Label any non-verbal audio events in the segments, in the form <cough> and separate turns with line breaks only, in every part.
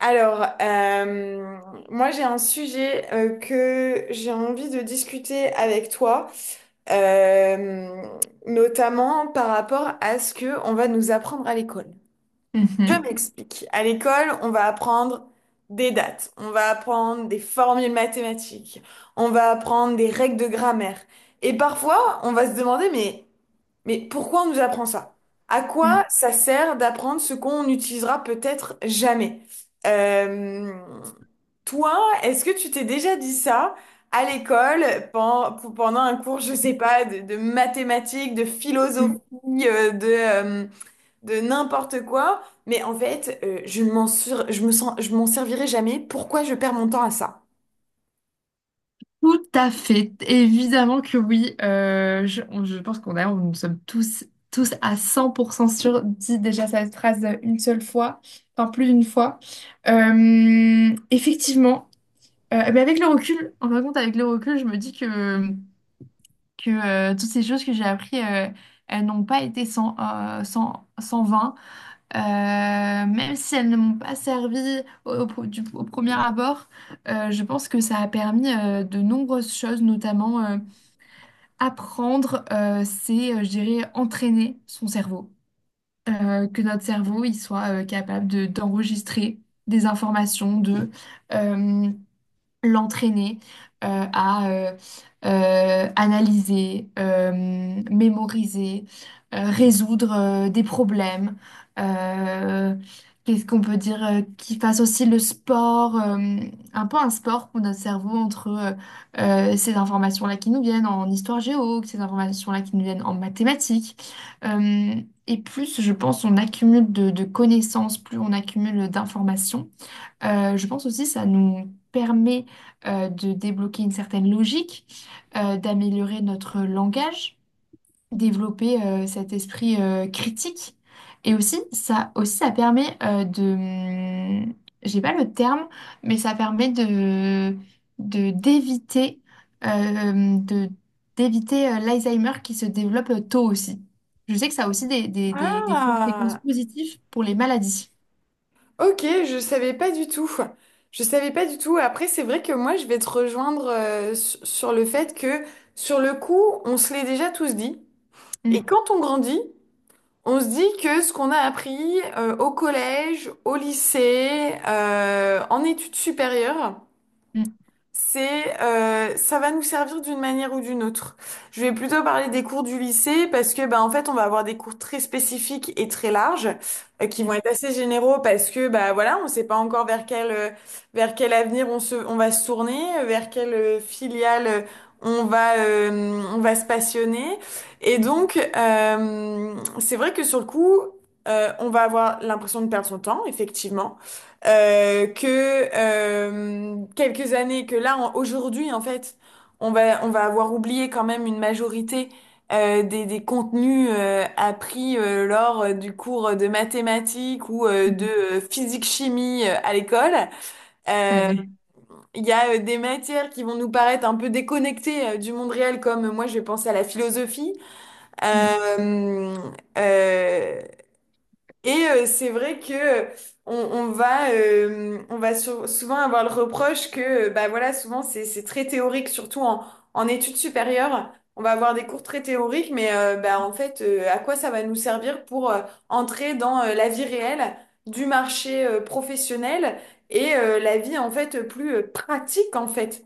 Alors, euh, moi j'ai un sujet que j'ai envie de discuter avec toi. euh, Notamment par rapport à ce que on va nous apprendre à l'école. Je
Mhm,
m'explique. À l'école, on va apprendre des dates, on va apprendre des formules mathématiques, on va apprendre des règles de grammaire. Et parfois, on va se demander, mais pourquoi on nous apprend ça? À
mhm,
quoi ça sert d'apprendre ce qu'on n'utilisera peut-être jamais? Euh, Toi, est-ce que tu t'es déjà dit ça à l'école pendant un cours, je sais pas, de mathématiques, de philosophie,
mhm.
euh, de, euh, de n'importe quoi? Mais en fait, je me sens, je m'en servirai jamais. Pourquoi je perds mon temps à ça?
Tout à fait. Évidemment que oui. Je pense nous sommes tous à 100% sûrs, dit déjà cette phrase une seule fois, enfin plus d'une fois. Effectivement, mais avec le recul, en fin de compte, avec le recul, je me dis que, toutes ces choses que j'ai apprises, elles n'ont pas été sans, sans vain. Même si elles ne m'ont pas servi au premier abord, je pense que ça a permis de nombreuses choses, notamment apprendre, je dirais, entraîner son cerveau. Que notre cerveau, il soit capable d'enregistrer des informations, l'entraîner à analyser, mémoriser, résoudre des problèmes. euh, Qu'est-ce qu'on peut dire qu'il fasse aussi le sport, un peu un sport pour notre cerveau entre ces informations-là qui nous viennent en histoire géo, ces informations-là qui nous viennent en mathématiques. Euh, et plus, je pense, on accumule de connaissances, plus on accumule d'informations. Je pense aussi que ça nous permet de débloquer une certaine logique, d'améliorer notre langage, développer cet esprit critique. Et aussi, ça permet j'ai pas le terme, mais ça permet d'éviter, euh, hmm, de, d'éviter l'Alzheimer qui se développe tôt aussi. Je sais que ça a aussi des conséquences
Ah!
positives pour les maladies.
Ok, je savais pas du tout. Je savais pas du tout. Après, c'est vrai que moi, je vais te rejoindre sur le fait que, sur le coup, on se l'est déjà tous dit. Et
Mm,
quand on grandit, on se dit que ce qu'on a appris au collège, au lycée, en études supérieures,
mm,
c'est ça va nous servir d'une manière ou d'une autre. Je vais plutôt parler des cours du lycée parce que bah en fait on va avoir des cours très spécifiques et très larges qui vont être assez généraux parce que bah voilà on sait pas encore vers quel avenir on va se tourner vers quelle filiale on va se passionner et
mm,
donc c'est vrai que sur le coup on va avoir l'impression de perdre son temps effectivement, quelques années, que là, aujourd'hui, en fait, on va avoir oublié quand même une majorité des contenus appris lors du cours de mathématiques ou
mm.
de
Tout
physique-chimie à l'école.
à
Euh,
fait.
Il y a des matières qui vont nous paraître un peu déconnectées du monde réel, comme moi, je vais penser à la philosophie.
Mmh.
Euh, euh, c'est vrai que on va souvent avoir le reproche que bah voilà souvent c'est très théorique surtout en études supérieures on va avoir des cours très théoriques mais bah en fait à quoi ça va nous servir pour entrer dans la vie réelle du marché professionnel et la vie en fait plus pratique en fait,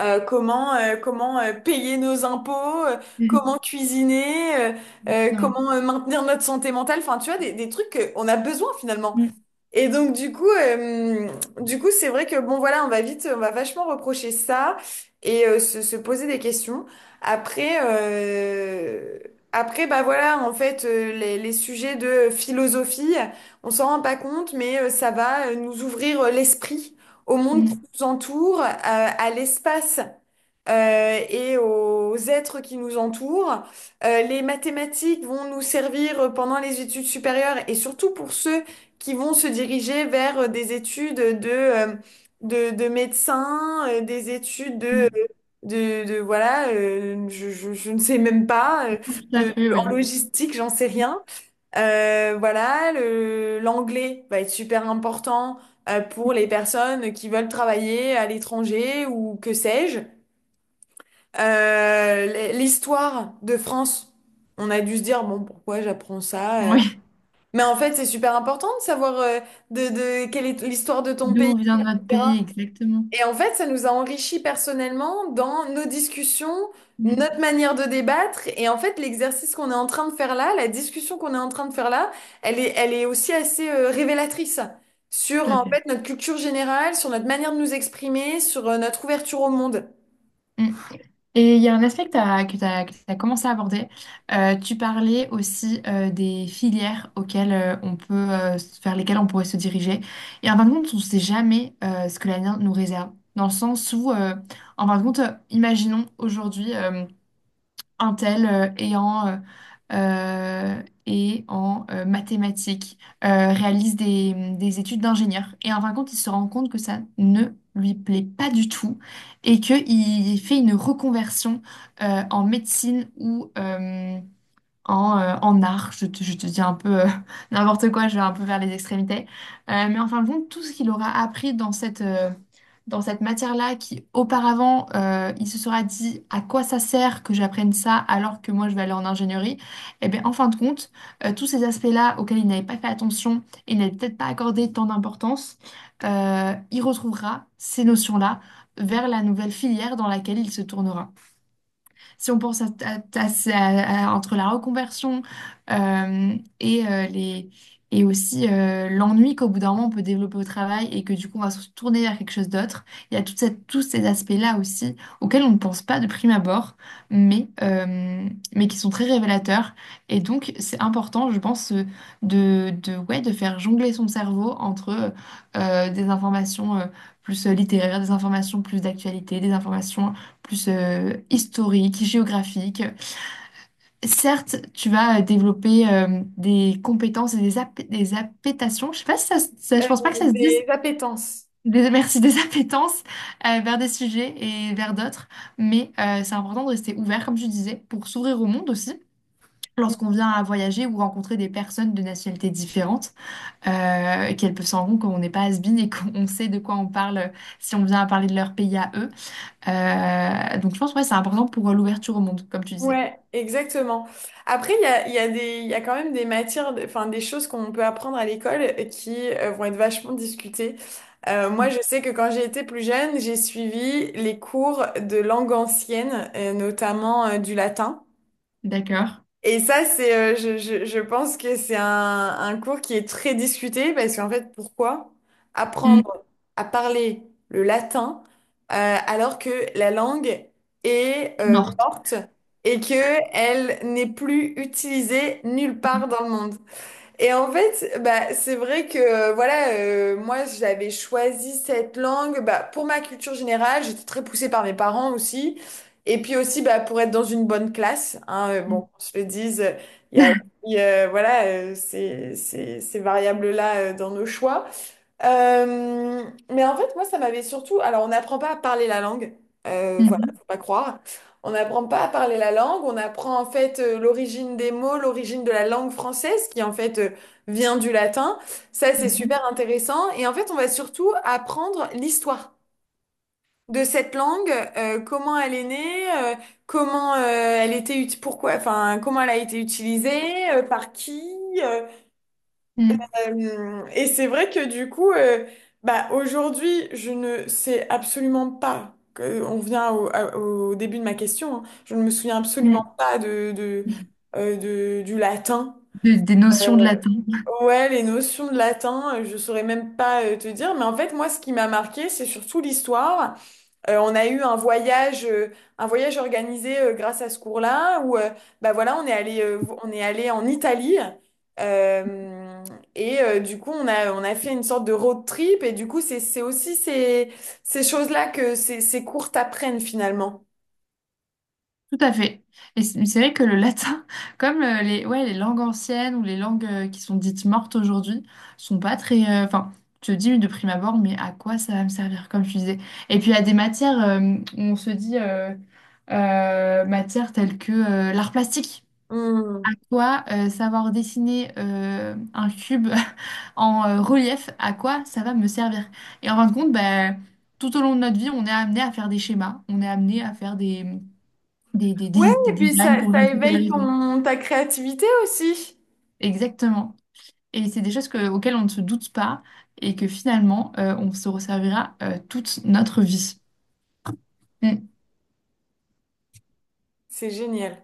comment payer nos impôts, comment
<laughs>
cuisiner,
Exactement.
comment maintenir notre santé mentale, enfin tu vois des trucs qu'on a besoin finalement.
Mmh.
Et donc du coup, c'est vrai que bon voilà, on va vachement reprocher ça et se poser des questions. Après, euh, après bah voilà, en fait, les sujets de philosophie, on s'en rend pas compte, mais ça va nous ouvrir l'esprit au monde qui
Mmh.
nous entoure, à l'espace et aux êtres qui nous entourent. Les mathématiques vont nous servir pendant les études supérieures et surtout pour ceux qui vont se diriger vers des études de médecins, des études
Mmh.
voilà, je ne sais même pas,
Tout à fait, oui.
en logistique, j'en sais rien. L'anglais va être super important pour les
<laughs>
personnes qui veulent travailler à l'étranger ou que sais-je. L'histoire de France, on a dû se dire, bon, pourquoi j'apprends ça?
Oui,
Mais en fait, c'est super important de savoir, de quelle est l'histoire de ton pays,
d'où vient notre
etc.
pays exactement.
Et en fait, ça nous a enrichis personnellement dans nos discussions,
Mm,
notre manière de débattre. Et en fait, l'exercice qu'on est en train de faire là, la discussion qu'on est en train de faire là, elle est aussi assez révélatrice sur
tout à
en
fait.
fait notre culture générale, sur notre manière de nous exprimer, sur notre ouverture au monde,
Mm. Et il y a un aspect que tu as, que t'as commencé à aborder. Tu parlais aussi des filières auxquelles on peut, vers lesquelles on pourrait se diriger. Et en fin de compte, on ne sait jamais ce que l'avenir nous réserve. Dans le sens où, en fin de compte, imaginons aujourd'hui un tel et en mathématiques, réalise des études d'ingénieur. Et en fin de compte, il se rend compte que ça ne lui plaît pas du tout et qu'il fait une reconversion en médecine ou en art. Je te dis un peu <laughs> n'importe quoi, je vais un peu vers les extrémités. Mais en fin de compte, tout ce qu'il aura appris dans cette matière-là, qui auparavant, il se sera dit à quoi ça sert que j'apprenne ça alors que moi je vais aller en ingénierie, et bien en fin de compte, tous ces aspects-là auxquels il n'avait pas fait attention, il n'avait peut-être pas accordé tant d'importance, il retrouvera ces notions-là vers la nouvelle filière dans laquelle il se tournera. Si on pense entre la reconversion euh, et, euh, les, et aussi l'ennui qu'au bout d'un moment on peut développer au travail et que du coup on va se tourner vers quelque chose d'autre, il y a tous ces aspects-là aussi auxquels on ne pense pas de prime abord, mais, euh, mais qui sont très révélateurs. Et donc c'est important, je pense, ouais, de faire jongler son cerveau entre des informations plus littéraires, des informations plus d'actualité, des informations plus historique, géographique. Certes, tu vas développer des compétences et des appétations. Je sais pas si je
euh,
pense pas que ça se
des
dise.
appétences.
Merci, des <laughs> appétences vers des sujets et vers d'autres. Mais c'est important de rester ouvert, comme tu disais, pour s'ouvrir au monde aussi. Lorsqu'on vient à voyager ou rencontrer des personnes de nationalités différentes, qu'elles peuvent se rendre compte qu'on n'est pas has-been et qu'on sait de quoi on parle si on vient à parler de leur pays à eux. Donc je pense ouais, c'est important pour l'ouverture au monde, comme tu disais.
Ouais, exactement. Après, il y a quand même des matières, enfin des choses qu'on peut apprendre à l'école qui vont être vachement discutées. Moi,
Mm.
je sais que quand j'ai été plus jeune, j'ai suivi les cours de langue ancienne, notamment du latin.
D'accord.
Et ça, c'est, je pense que c'est un cours qui est très discuté parce qu'en fait, pourquoi apprendre
Mm.
à parler le latin euh, alors que la langue est
Morte.
morte et que elle n'est plus utilisée nulle
Mm.
part dans le monde. Et en fait, bah, c'est vrai que moi j'avais choisi cette langue bah, pour ma culture générale, j'étais très poussée par mes parents aussi. Et puis aussi bah, pour être dans une bonne classe, hein, bon,
Mm.
qu'on se le dise, il y a
<laughs>
aussi, voilà, ces variables-là dans nos choix. Euh, mais en fait, moi, ça m'avait surtout. Alors, on n'apprend pas à parler la langue. Voilà,
Mhm.
faut pas croire. On n'apprend pas à parler la langue. On apprend en fait l'origine des mots, l'origine de la langue française, qui en fait vient du latin. Ça, c'est
Mhm.
super intéressant. Et en fait, on va surtout apprendre l'histoire de cette langue, comment elle est née, comment elle était pourquoi, enfin, comment elle a été utilisée, par qui. euh, et c'est vrai que du coup, bah, aujourd'hui, je ne sais absolument pas on vient au début de ma question, hein. Je ne me souviens absolument
Mhm.
pas
Mhm.
du latin.
Des
Euh,
notions de latin.
Ouais, les notions de latin, je saurais même pas te dire. Mais en fait, moi, ce qui m'a marqué, c'est surtout l'histoire. On a eu un voyage organisé grâce à ce cours-là où bah voilà, on est allé en Italie euh, du coup on a fait une sorte de road trip et du coup c'est aussi ces choses-là que ces cours t'apprennent finalement.
Tout à fait. Et c'est vrai que le latin, <laughs> comme les, ouais, les langues anciennes ou les langues qui sont dites mortes aujourd'hui, sont pas très. Enfin, tu te dis de prime abord, mais à quoi ça va me servir, comme tu disais. Et puis il y a des matières où on se dit matières telles que l'art plastique.
Hmm.
Toi, savoir dessiner un cube <laughs> en relief, à quoi ça va me servir? Et en fin de compte, bah, tout au long de notre vie, on est amené à faire des schémas, on est amené à faire des, des, des,
Ouais,
des- des
et puis
designs
ça,
pour je
ça
ne sais quelle
éveille
raison.
ta créativité aussi.
Exactement. Et c'est des choses auxquelles on ne se doute pas et que finalement, on se resservira toute notre vie. Mm.
C'est génial.